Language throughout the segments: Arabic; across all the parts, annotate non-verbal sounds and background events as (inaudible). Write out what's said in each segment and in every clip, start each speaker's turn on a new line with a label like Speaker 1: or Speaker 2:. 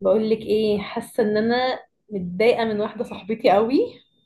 Speaker 1: بقول لك ايه حاسه ان انا متضايقه من واحده صاحبتي قوي،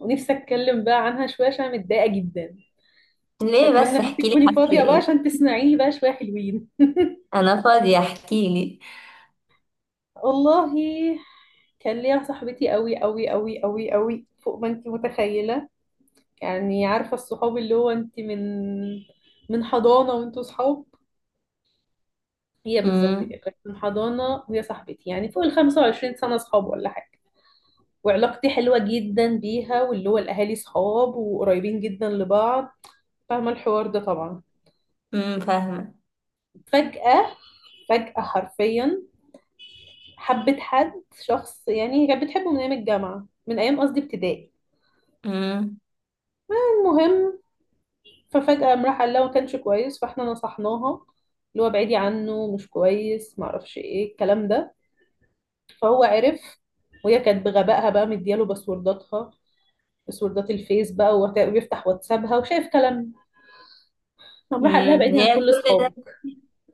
Speaker 1: ونفسي اتكلم بقى عنها شويه عشان أنا متضايقه جدا.
Speaker 2: ليه
Speaker 1: فاتمنى
Speaker 2: بس؟
Speaker 1: ان انت
Speaker 2: احكي لي،
Speaker 1: تكوني
Speaker 2: حصل
Speaker 1: فاضيه بقى
Speaker 2: ايه؟
Speaker 1: عشان تسمعيني بقى شويه حلوين.
Speaker 2: انا فاضية، احكي لي.
Speaker 1: (laughs) والله كان ليا صاحبتي قوي قوي قوي قوي قوي فوق ما انت متخيله. يعني عارفه الصحاب اللي هو انت من حضانه وانتوا صحاب. هي بالظبط
Speaker 2: امم،
Speaker 1: كده كانت من حضانه، وهي صاحبتي يعني فوق ال 25 سنه صحاب ولا حاجه. وعلاقتي حلوة جدا بيها، واللي هو الأهالي صحاب وقريبين جدا لبعض. فاهمة الحوار ده طبعا.
Speaker 2: امم، فاهمة.
Speaker 1: فجأة، فجأة حرفيا، حبت حد، شخص. يعني هي كانت بتحبه من أيام الجامعة، من أيام قصدي ابتدائي.
Speaker 2: امم.
Speaker 1: المهم، ففجأة قام راح قال لها ما كانش كويس، فاحنا نصحناها اللي هو ابعدي عنه مش كويس، معرفش ايه الكلام ده. فهو عرف. وهي كانت بغبائها بقى مدياله باسورداتها، باسوردات الفيس بقى، وبيفتح واتسابها وشايف كلام. قام راح قال لها ابعدي عن
Speaker 2: يا
Speaker 1: كل
Speaker 2: كل ده.
Speaker 1: اصحابك.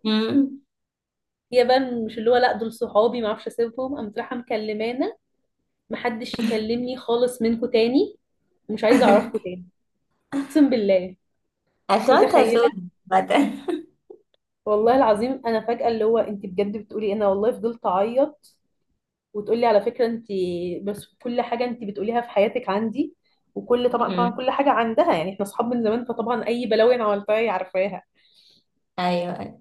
Speaker 2: امم.
Speaker 1: هي بقى مش، اللي هو لا دول صحابي ما اعرفش اسيبهم، قامت رايحه مكلمانا محدش يكلمني خالص منكم تاني، مش عايزه اعرفكم
Speaker 2: (laughs)
Speaker 1: تاني. اقسم بالله،
Speaker 2: اخواتها
Speaker 1: متخيله.
Speaker 2: سود بدل.
Speaker 1: والله العظيم انا فجاه اللي هو انت بجد بتقولي إيه؟ انا والله فضلت اعيط. وتقولي على فكره انت بس كل حاجه انت بتقوليها في حياتك عندي. وكل طبعا طبعا
Speaker 2: امم.
Speaker 1: كل حاجه عندها. يعني احنا اصحاب من زمان، فطبعا اي بلاوي انا عملتها هي عارفاها.
Speaker 2: (laughs) ايوه.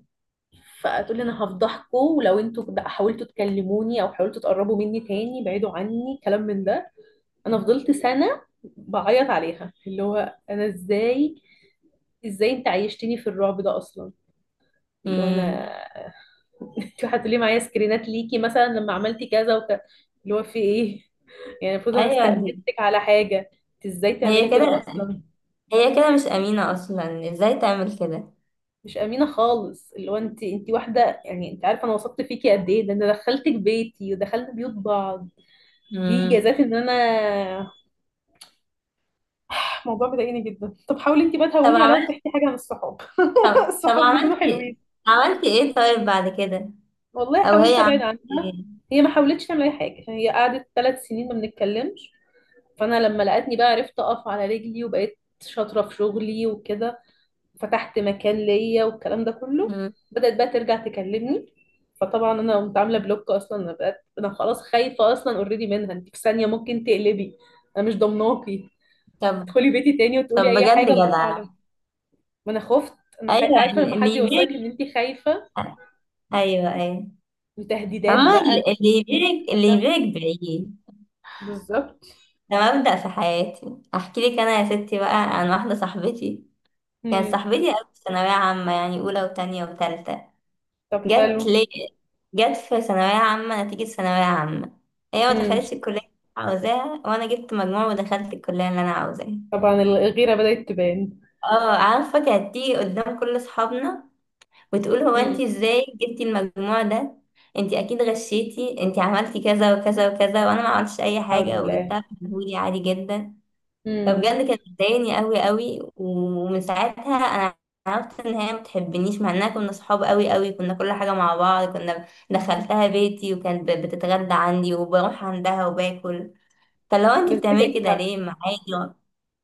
Speaker 1: فتقولي انا هفضحكم، ولو انتوا بقى حاولتوا تكلموني او حاولتوا تقربوا مني تاني بعيدوا عني، كلام من ده. انا فضلت سنة بعيط عليها، اللي هو انا ازاي، ازاي انت عيشتني في الرعب ده اصلا. اللي هو انا.
Speaker 2: امم.
Speaker 1: (laughs) انت هتقولي معايا سكرينات ليكي مثلا لما عملتي كذا وكذا، اللي هو في ايه؟ يعني المفروض انا
Speaker 2: ايوه دي.
Speaker 1: استأمنتك على حاجة، انت ازاي تعملي
Speaker 2: هي
Speaker 1: كده
Speaker 2: كده.
Speaker 1: اصلا؟
Speaker 2: هي كده مش امينة اصلا، ازاي تعمل كده؟
Speaker 1: مش امينة خالص. اللي هو انت واحدة، يعني انت عارفة انا وثقت فيكي قد ايه. ده انا دخلتك بيتي ودخلنا بيوت بعض. دي جازات
Speaker 2: امم.
Speaker 1: ان انا، الموضوع مضايقني جدا. طب حاولي انت بقى
Speaker 2: طب
Speaker 1: تهوني عليها
Speaker 2: عملت
Speaker 1: وتحكي حاجه عن الصحاب. (laughs)
Speaker 2: طب
Speaker 1: الصحاب بيكونوا حلوين.
Speaker 2: عملتي ايه طيب بعد كده؟
Speaker 1: والله
Speaker 2: او هي
Speaker 1: حاولت ابعد
Speaker 2: عملت
Speaker 1: عنها.
Speaker 2: ايه؟
Speaker 1: هي ما حاولتش تعمل اي حاجه. هي قعدت ثلاث سنين ما بنتكلمش. فانا لما لقيتني بقى عرفت اقف على رجلي، وبقيت شاطره في شغلي وكده، فتحت مكان ليا والكلام ده كله.
Speaker 2: امم.
Speaker 1: بدات بقى ترجع تكلمني. فطبعا انا قمت عامله بلوك. اصلا انا بقيت انا خلاص خايفه. اصلا اوريدي منها انت في ثانيه ممكن تقلبي، انا مش ضمناكي
Speaker 2: طب.
Speaker 1: تدخلي بيتي تاني وتقولي
Speaker 2: طب
Speaker 1: اي
Speaker 2: بجد
Speaker 1: حاجه الله
Speaker 2: جدع.
Speaker 1: اعلم. ما انا خفت انا
Speaker 2: ايوه
Speaker 1: عارفه لما حد
Speaker 2: اللي يبيع.
Speaker 1: يوصلك ان انت خايفه،
Speaker 2: ايوه، ايوه.
Speaker 1: وتهديدات
Speaker 2: فما.
Speaker 1: بقى.
Speaker 2: اللي يبيعك اللي
Speaker 1: ده
Speaker 2: يبيعك بعيد.
Speaker 1: بالظبط.
Speaker 2: ده مبدأ في حياتي. احكي لك انا يا ستي بقى عن واحده صاحبتي. كانت
Speaker 1: امم.
Speaker 2: صاحبتي قوي في ثانويه عامه، يعني اولى وتانية وتالتة.
Speaker 1: طب
Speaker 2: جت
Speaker 1: حلو.
Speaker 2: لي، جت في ثانويه عامه، نتيجه ثانويه عامه. هي ما
Speaker 1: امم.
Speaker 2: دخلتش الكليه اللي أنا عاوزاها، وانا جبت مجموع ودخلت الكليه اللي انا عاوزاها.
Speaker 1: طبعا الغيره بدات تبان.
Speaker 2: اه عارفه، كانت تيجي قدام كل اصحابنا وتقول هو
Speaker 1: امم.
Speaker 2: انت ازاي جبتي المجموع ده؟ انت اكيد غشيتي، انت عملتي كذا وكذا وكذا، وانا ما عملتش اي
Speaker 1: لا حول
Speaker 2: حاجه
Speaker 1: بالله.
Speaker 2: وجبتها في مجهودي عادي جدا.
Speaker 1: امم.
Speaker 2: فبجد كانت بتضايقني قوي قوي، ومن ساعتها انا عرفت ان هي ما بتحبنيش، مع اننا كنا صحاب قوي قوي، كنا كل حاجه مع بعض، كنا دخلتها بيتي وكانت بتتغدى عندي، وبروح عندها وباكل. فلو انت
Speaker 1: بس دي
Speaker 2: بتعملي كده
Speaker 1: دجحه.
Speaker 2: ليه معايا؟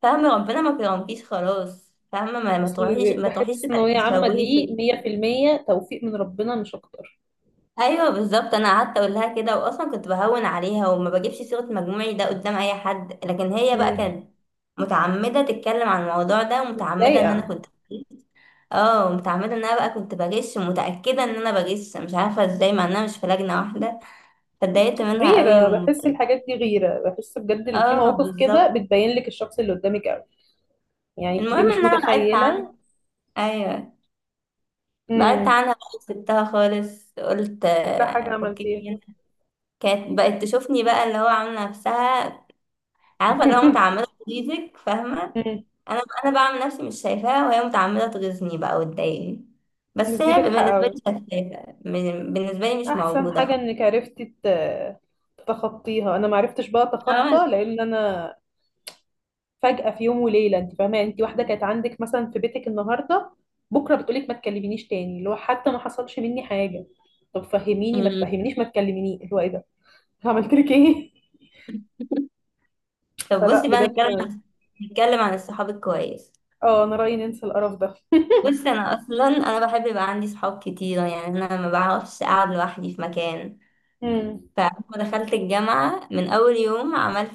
Speaker 2: فاهمه، ربنا ما كرمكيش، خلاص فاهمه، ما ما
Speaker 1: اصل
Speaker 2: تروحيش، ما
Speaker 1: بحس
Speaker 2: تروحيش.
Speaker 1: الثانويه عامه
Speaker 2: تشوهي.
Speaker 1: دي 100% توفيق من ربنا مش اكتر.
Speaker 2: ايوه بالظبط، انا قعدت اقول لها كده، واصلا كنت بهون عليها وما بجيبش سيره مجموعي ده قدام اي حد، لكن هي بقى
Speaker 1: امم.
Speaker 2: كانت متعمده تتكلم عن الموضوع ده، ومتعمده ان انا
Speaker 1: ضايقه.
Speaker 2: كنت بغش. اه متعمده ان انا بقى كنت بغش، ومتاكده ان انا بغش، مش عارفه ازاي مع اننا مش في لجنه واحده. فاتضايقت منها قوي.
Speaker 1: غيره.
Speaker 2: و...
Speaker 1: بحس الحاجات دي غيره، بحس بجد إن في
Speaker 2: اه
Speaker 1: مواقف كده
Speaker 2: بالظبط.
Speaker 1: بتبين لك الشخص اللي قدامك قوي. يعني بتبقي
Speaker 2: المهم
Speaker 1: مش
Speaker 2: ان انا بعدت
Speaker 1: متخيله.
Speaker 2: عنها. ايوه، بعدت
Speaker 1: امم.
Speaker 2: عنها بقى، سبتها خالص، قلت
Speaker 1: لا حاجه
Speaker 2: آه، فكني
Speaker 1: عملتيها.
Speaker 2: منها. كانت بقت تشوفني بقى، اللي هو عامله نفسها، عارفه لو متعمده
Speaker 1: (laughs)
Speaker 2: تغيظك، فاهمه، انا بعمل نفسي مش شايفاها، وهي متعمده تغيظني بقى وتضايقني.
Speaker 1: بس
Speaker 2: بس
Speaker 1: دي
Speaker 2: هي
Speaker 1: بجحة
Speaker 2: بالنسبه
Speaker 1: قوي.
Speaker 2: لي شفافه، بالنسبه لي مش
Speaker 1: احسن
Speaker 2: موجوده
Speaker 1: حاجة
Speaker 2: خالص.
Speaker 1: انك عرفتي تتخطيها. انا ما عرفتش بقى اتخطى،
Speaker 2: فاهمة؟
Speaker 1: لان انا فجأة في يوم وليلة، انت فاهمة، يعني انت واحدة كانت عندك مثلا في بيتك النهاردة، بكرة بتقولك ما تكلمينيش تاني، اللي هو حتى ما حصلش مني حاجة. طب فهميني ما
Speaker 2: أمم.
Speaker 1: تفهمنيش ما تكلميني اللي هو ايه ده؟ عملت لك ايه؟
Speaker 2: (laughs)
Speaker 1: (laughs)
Speaker 2: طب
Speaker 1: فلا
Speaker 2: بصي بقى،
Speaker 1: بجد.
Speaker 2: نتكلم عن الصحاب الكويس.
Speaker 1: اه انا رأيي ننسى القرف ده.
Speaker 2: بصي، انا اصلا انا بحب يبقى عندي صحاب كتيره، يعني انا ما بعرفش اقعد لوحدي في مكان.
Speaker 1: مم.
Speaker 2: فلما دخلت الجامعه من اول يوم عملت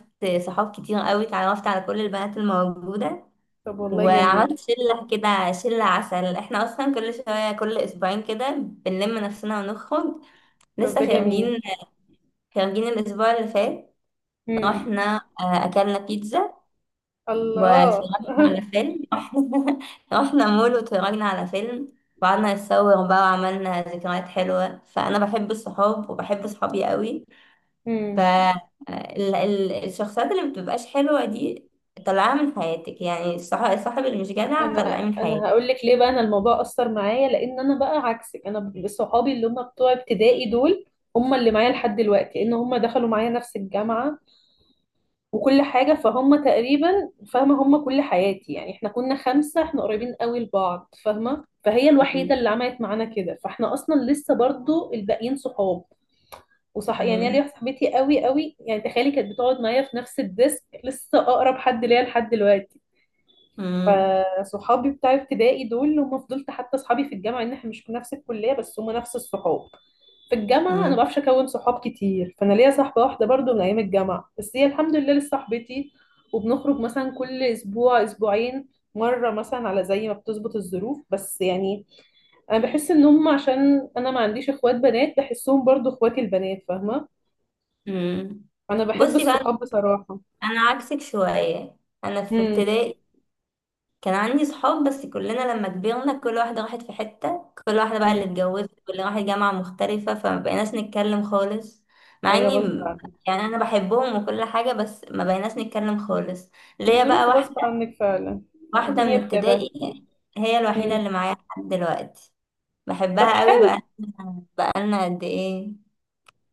Speaker 2: صحاب كتير قوي، اتعرفت على كل البنات الموجوده،
Speaker 1: طب والله جميل.
Speaker 2: وعملت شلة كده، شلة عسل، احنا اصلا كل شوية، كل اسبوعين كده بنلم نفسنا ونخرج.
Speaker 1: طب ده
Speaker 2: لسه
Speaker 1: جميل.
Speaker 2: خارجين، خارجين الاسبوع اللي فات.
Speaker 1: مم.
Speaker 2: رحنا، آه، اكلنا بيتزا
Speaker 1: الله.
Speaker 2: واتفرجنا على
Speaker 1: (laughs)
Speaker 2: فيلم. (laughs) رحنا، رحنا مول واتفرجنا على فيلم، وقعدنا نتصور بقى وعملنا ذكريات حلوة. فأنا بحب الصحاب وبحب صحابي قوي.
Speaker 1: مم.
Speaker 2: فالشخصيات اللي مبتبقاش حلوة دي طلعها من حياتك، يعني الصاحب اللي مش جدع
Speaker 1: انا
Speaker 2: طلعيه من حياتك.
Speaker 1: انا هقول لك ليه بقى. انا الموضوع اثر معايا لان انا بقى عكسك. انا صحابي اللي هم بتوع ابتدائي دول هم اللي معايا لحد دلوقتي، لان هم دخلوا معايا نفس الجامعه وكل حاجه، فهم تقريبا فاهمه هم كل حياتي. يعني احنا كنا خمسه احنا قريبين قوي لبعض، فاهمه، فهي الوحيده اللي عملت معانا كده، فاحنا اصلا لسه برضو الباقيين صحاب. وصح يعني أنا
Speaker 2: مم.
Speaker 1: ليا صاحبتي قوي قوي، يعني تخيلي كانت بتقعد معايا في نفس الديسك لسه اقرب حد ليا لحد دلوقتي.
Speaker 2: مم.
Speaker 1: فصحابي بتاع ابتدائي دول هم فضلت حتى صحابي في الجامعه ان احنا مش في نفس الكليه بس هم نفس الصحاب. في الجامعه انا ما
Speaker 2: مم.
Speaker 1: بعرفش اكون صحاب كتير، فانا ليا صاحبه واحده برضو من ايام الجامعه، بس هي الحمد لله لسه صاحبتي. وبنخرج مثلا كل اسبوع اسبوعين مره مثلا، على زي ما بتظبط الظروف بس يعني. انا بحس ان هم عشان انا ما عنديش اخوات بنات بحسهم برضو اخواتي البنات، فاهمه.
Speaker 2: مم.
Speaker 1: انا بحب
Speaker 2: بصي
Speaker 1: الصحاب
Speaker 2: بقى،
Speaker 1: بصراحه.
Speaker 2: انا عكسك شويه، انا في
Speaker 1: امم.
Speaker 2: ابتدائي كان عندي صحاب، بس كلنا لما كبرنا كل واحده راحت في حته، كل واحده بقى اللي
Speaker 1: امم.
Speaker 2: اتجوزت واللي راحت جامعه مختلفه، فما بقيناش نتكلم خالص. مع
Speaker 1: ايوه
Speaker 2: اني
Speaker 1: غصب عنك.
Speaker 2: يعني انا بحبهم وكل حاجه، بس ما بقيناش نتكلم خالص. ليا بقى
Speaker 1: الظروف غصب
Speaker 2: واحده،
Speaker 1: عنك فعلا.
Speaker 2: واحده من
Speaker 1: الدنيا بكده.
Speaker 2: ابتدائي، هي الوحيده
Speaker 1: مم.
Speaker 2: اللي معايا لحد دلوقتي.
Speaker 1: طب
Speaker 2: بحبها قوي بقى.
Speaker 1: حلو.
Speaker 2: بقالنا قد ايه،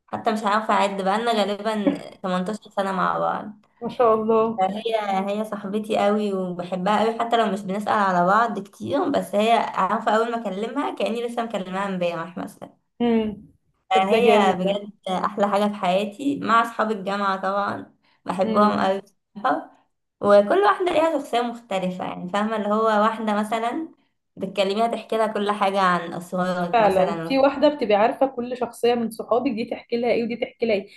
Speaker 2: حتى مش عارفة أعد، بقالنا غالبا 18 سنة مع بعض.
Speaker 1: ما شاء الله.
Speaker 2: فهي، هي صاحبتي قوي وبحبها قوي، حتى لو مش بنسأل على بعض كتير، بس هي عارفة، أول ما أكلمها كأني لسه مكلماها امبارح مثلا.
Speaker 1: مم. طب ده
Speaker 2: فهي
Speaker 1: جامد ده.
Speaker 2: بجد أحلى حاجة في حياتي، مع أصحاب الجامعة طبعا.
Speaker 1: مم.
Speaker 2: بحبهم قوي بصراحة. وكل واحدة ليها شخصية مختلفة، يعني فاهمة، اللي هو واحدة مثلا بتكلميها تحكي لها كل حاجة عن أسرارك
Speaker 1: فعلا في
Speaker 2: مثلا.
Speaker 1: واحدة بتبقى عارفة كل شخصية من صحابك، دي تحكي لها ايه ودي تحكي لها ايه.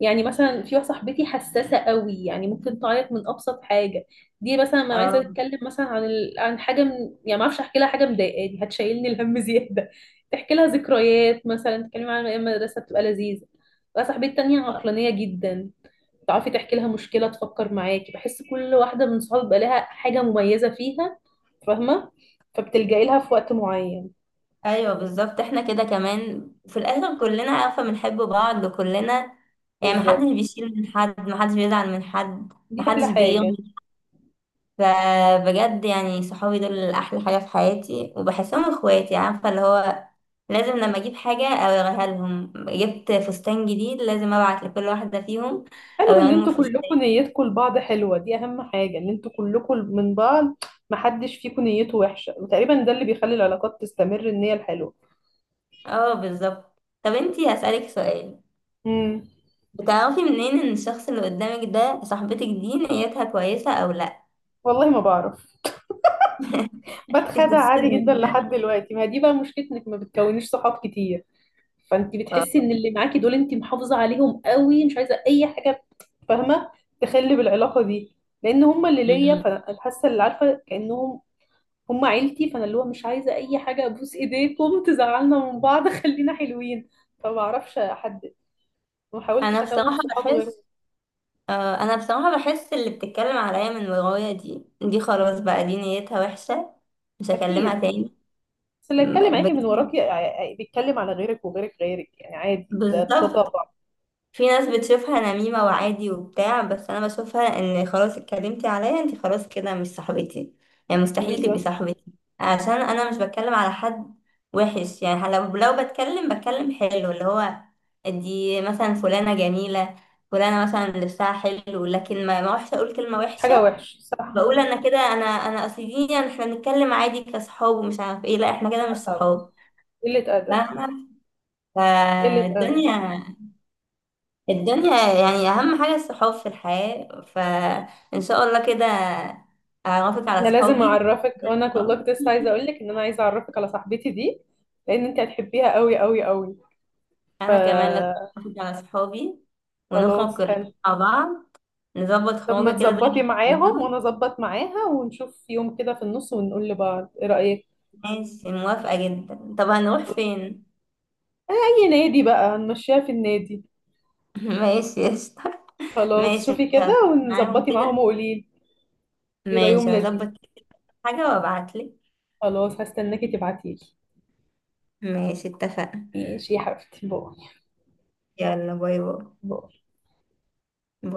Speaker 1: يعني مثلا في واحدة صاحبتي حساسة قوي يعني ممكن تعيط من أبسط حاجة. دي مثلا ما عايزة
Speaker 2: اه.
Speaker 1: تتكلم مثلا عن عن حاجة يعني ما اعرفش احكي لها حاجة مضايقاني هتشيلني الهم (laughs) زيادة. تحكي لها ذكريات مثلا، تتكلم عن أيام المدرسة بتبقى لذيذة. بقى صاحبتي التانية عقلانية جدا. تعرفي تحكي لها مشكلة تفكر معاكي. بحس كل واحدة من صحابي بقى لها حاجة مميزة فيها، فاهمة. فبتلجئي لها في وقت معين.
Speaker 2: ايوه بالظبط، احنا كده كمان في الاخر كلنا عارفه بنحب بعض وكلنا، يعني
Speaker 1: بالظبط.
Speaker 2: محدش بيشيل من حد، محدش بيزعل من حد،
Speaker 1: دي أحلى
Speaker 2: محدش
Speaker 1: حاجة.
Speaker 2: بيغني. فبجد يعني صحابي دول احلى حاجه في حياتي، وبحسهم اخواتي، عارفه اللي هو لازم لما اجيب حاجه اوريها لهم، جبت فستان جديد لازم ابعت لكل واحده فيهم
Speaker 1: حلو إن
Speaker 2: اوريهم
Speaker 1: انتوا
Speaker 2: الفستان.
Speaker 1: كلكم نيتكم لبعض حلوة. دي أهم حاجة إن انتوا كلكم من بعض محدش فيكم نيته وحشة، وتقريبا ده اللي بيخلي العلاقات تستمر، النية الحلوة.
Speaker 2: اه بالظبط. طب انتي هسألك سؤال،
Speaker 1: امم.
Speaker 2: بتعرفي منين ان الشخص اللي قدامك ده، صاحبتك دي نيتها كويسه او لا؟
Speaker 1: والله ما بعرف.
Speaker 2: انت
Speaker 1: بتخدع عادي جدا لحد
Speaker 2: بتتصدمي؟
Speaker 1: دلوقتي. ما دي بقى مشكلتك، ما بتكونيش صحاب كتير. فانت
Speaker 2: آه.
Speaker 1: بتحسي ان اللي معاكي دول انت محافظه عليهم قوي، مش عايزه اي حاجه، فاهمه، تخلي بالعلاقه دي. لان هم اللي ليا،
Speaker 2: مم.
Speaker 1: فانا حاسه اللي عارفه كانهم هم عيلتي. فانا اللي هو مش عايزه اي حاجه، ابوس ايديكم تزعلنا من بعض (laughs) خلينا حلوين. فما اعرفش احدد، ما
Speaker 2: انا
Speaker 1: حاولتش اكون
Speaker 2: بصراحه
Speaker 1: صحاب غيرهم.
Speaker 2: بحس، آه، انا بصراحه بحس اللي بتتكلم عليا من ورايا دي خلاص بقى، دي نيتها وحشه، مش هكلمها
Speaker 1: اكيد.
Speaker 2: تاني.
Speaker 1: بس اللي اتكلم معاكي من
Speaker 2: بجد
Speaker 1: وراكي بيتكلم على غيرك وغيرك غيرك، يعني عادي، ده
Speaker 2: بالظبط.
Speaker 1: طبع.
Speaker 2: في ناس بتشوفها نميمة وعادي وبتاع، بس انا بشوفها ان خلاص اتكلمتي عليا انت، خلاص كده مش صاحبتي، يعني مستحيل تبقي
Speaker 1: بالظبط.
Speaker 2: صاحبتي، عشان انا مش بتكلم على حد وحش. يعني لو بتكلم، بتكلم حلو، اللي هو دي مثلا فلانة جميلة، فلانة مثلا لبسها حلو، لكن ما وحشة اقول كلمة
Speaker 1: مش حاجه
Speaker 2: وحشة.
Speaker 1: وحشه صح.
Speaker 2: بقول انا كده، انا اصل دي يعني احنا بنتكلم عادي كصحاب ومش عارف ايه، لا احنا كده مش
Speaker 1: طبعا.
Speaker 2: صحاب.
Speaker 1: قله ادب.
Speaker 2: فاهمة؟
Speaker 1: قله ادب.
Speaker 2: فالدنيا، الدنيا يعني أهم حاجة الصحاب في الحياة، فإن شاء الله كده أعرفك على
Speaker 1: انا لازم
Speaker 2: صحابي.
Speaker 1: اعرفك، وانا والله كنت لسه عايزه اقول لك ان انا عايزه اعرفك على صاحبتي دي، لان انت هتحبيها قوي قوي قوي. ف
Speaker 2: أنا كمان لازم أعرفك على صحابي، ونخرج
Speaker 1: خلاص
Speaker 2: كلنا
Speaker 1: حلو.
Speaker 2: مع بعض، نظبط
Speaker 1: طب ما
Speaker 2: خروجة كده زي اللي
Speaker 1: تظبطي معاهم وانا
Speaker 2: اتكلمناها.
Speaker 1: اظبط معاها، ونشوف يوم كده في النص ونقول لبعض ايه رايك.
Speaker 2: ماشي، موافقة جدا. طب هنروح فين؟
Speaker 1: اي نادي بقى هنمشيها في النادي.
Speaker 2: (laughs) ماشي قشطة.
Speaker 1: خلاص
Speaker 2: ماشي
Speaker 1: شوفي كده
Speaker 2: هظبط معاهم
Speaker 1: ونظبطي معاهم
Speaker 2: كده،
Speaker 1: وقولي لي. يبقى يوم
Speaker 2: ماشي
Speaker 1: لذيذ.
Speaker 2: هظبط كده حاجة وأبعتلك.
Speaker 1: خلاص هستناكي تبعتيلي.
Speaker 2: ماشي اتفقنا.
Speaker 1: ماشي يا حبيبتي باي.
Speaker 2: يلا، باي باي.
Speaker 1: باي.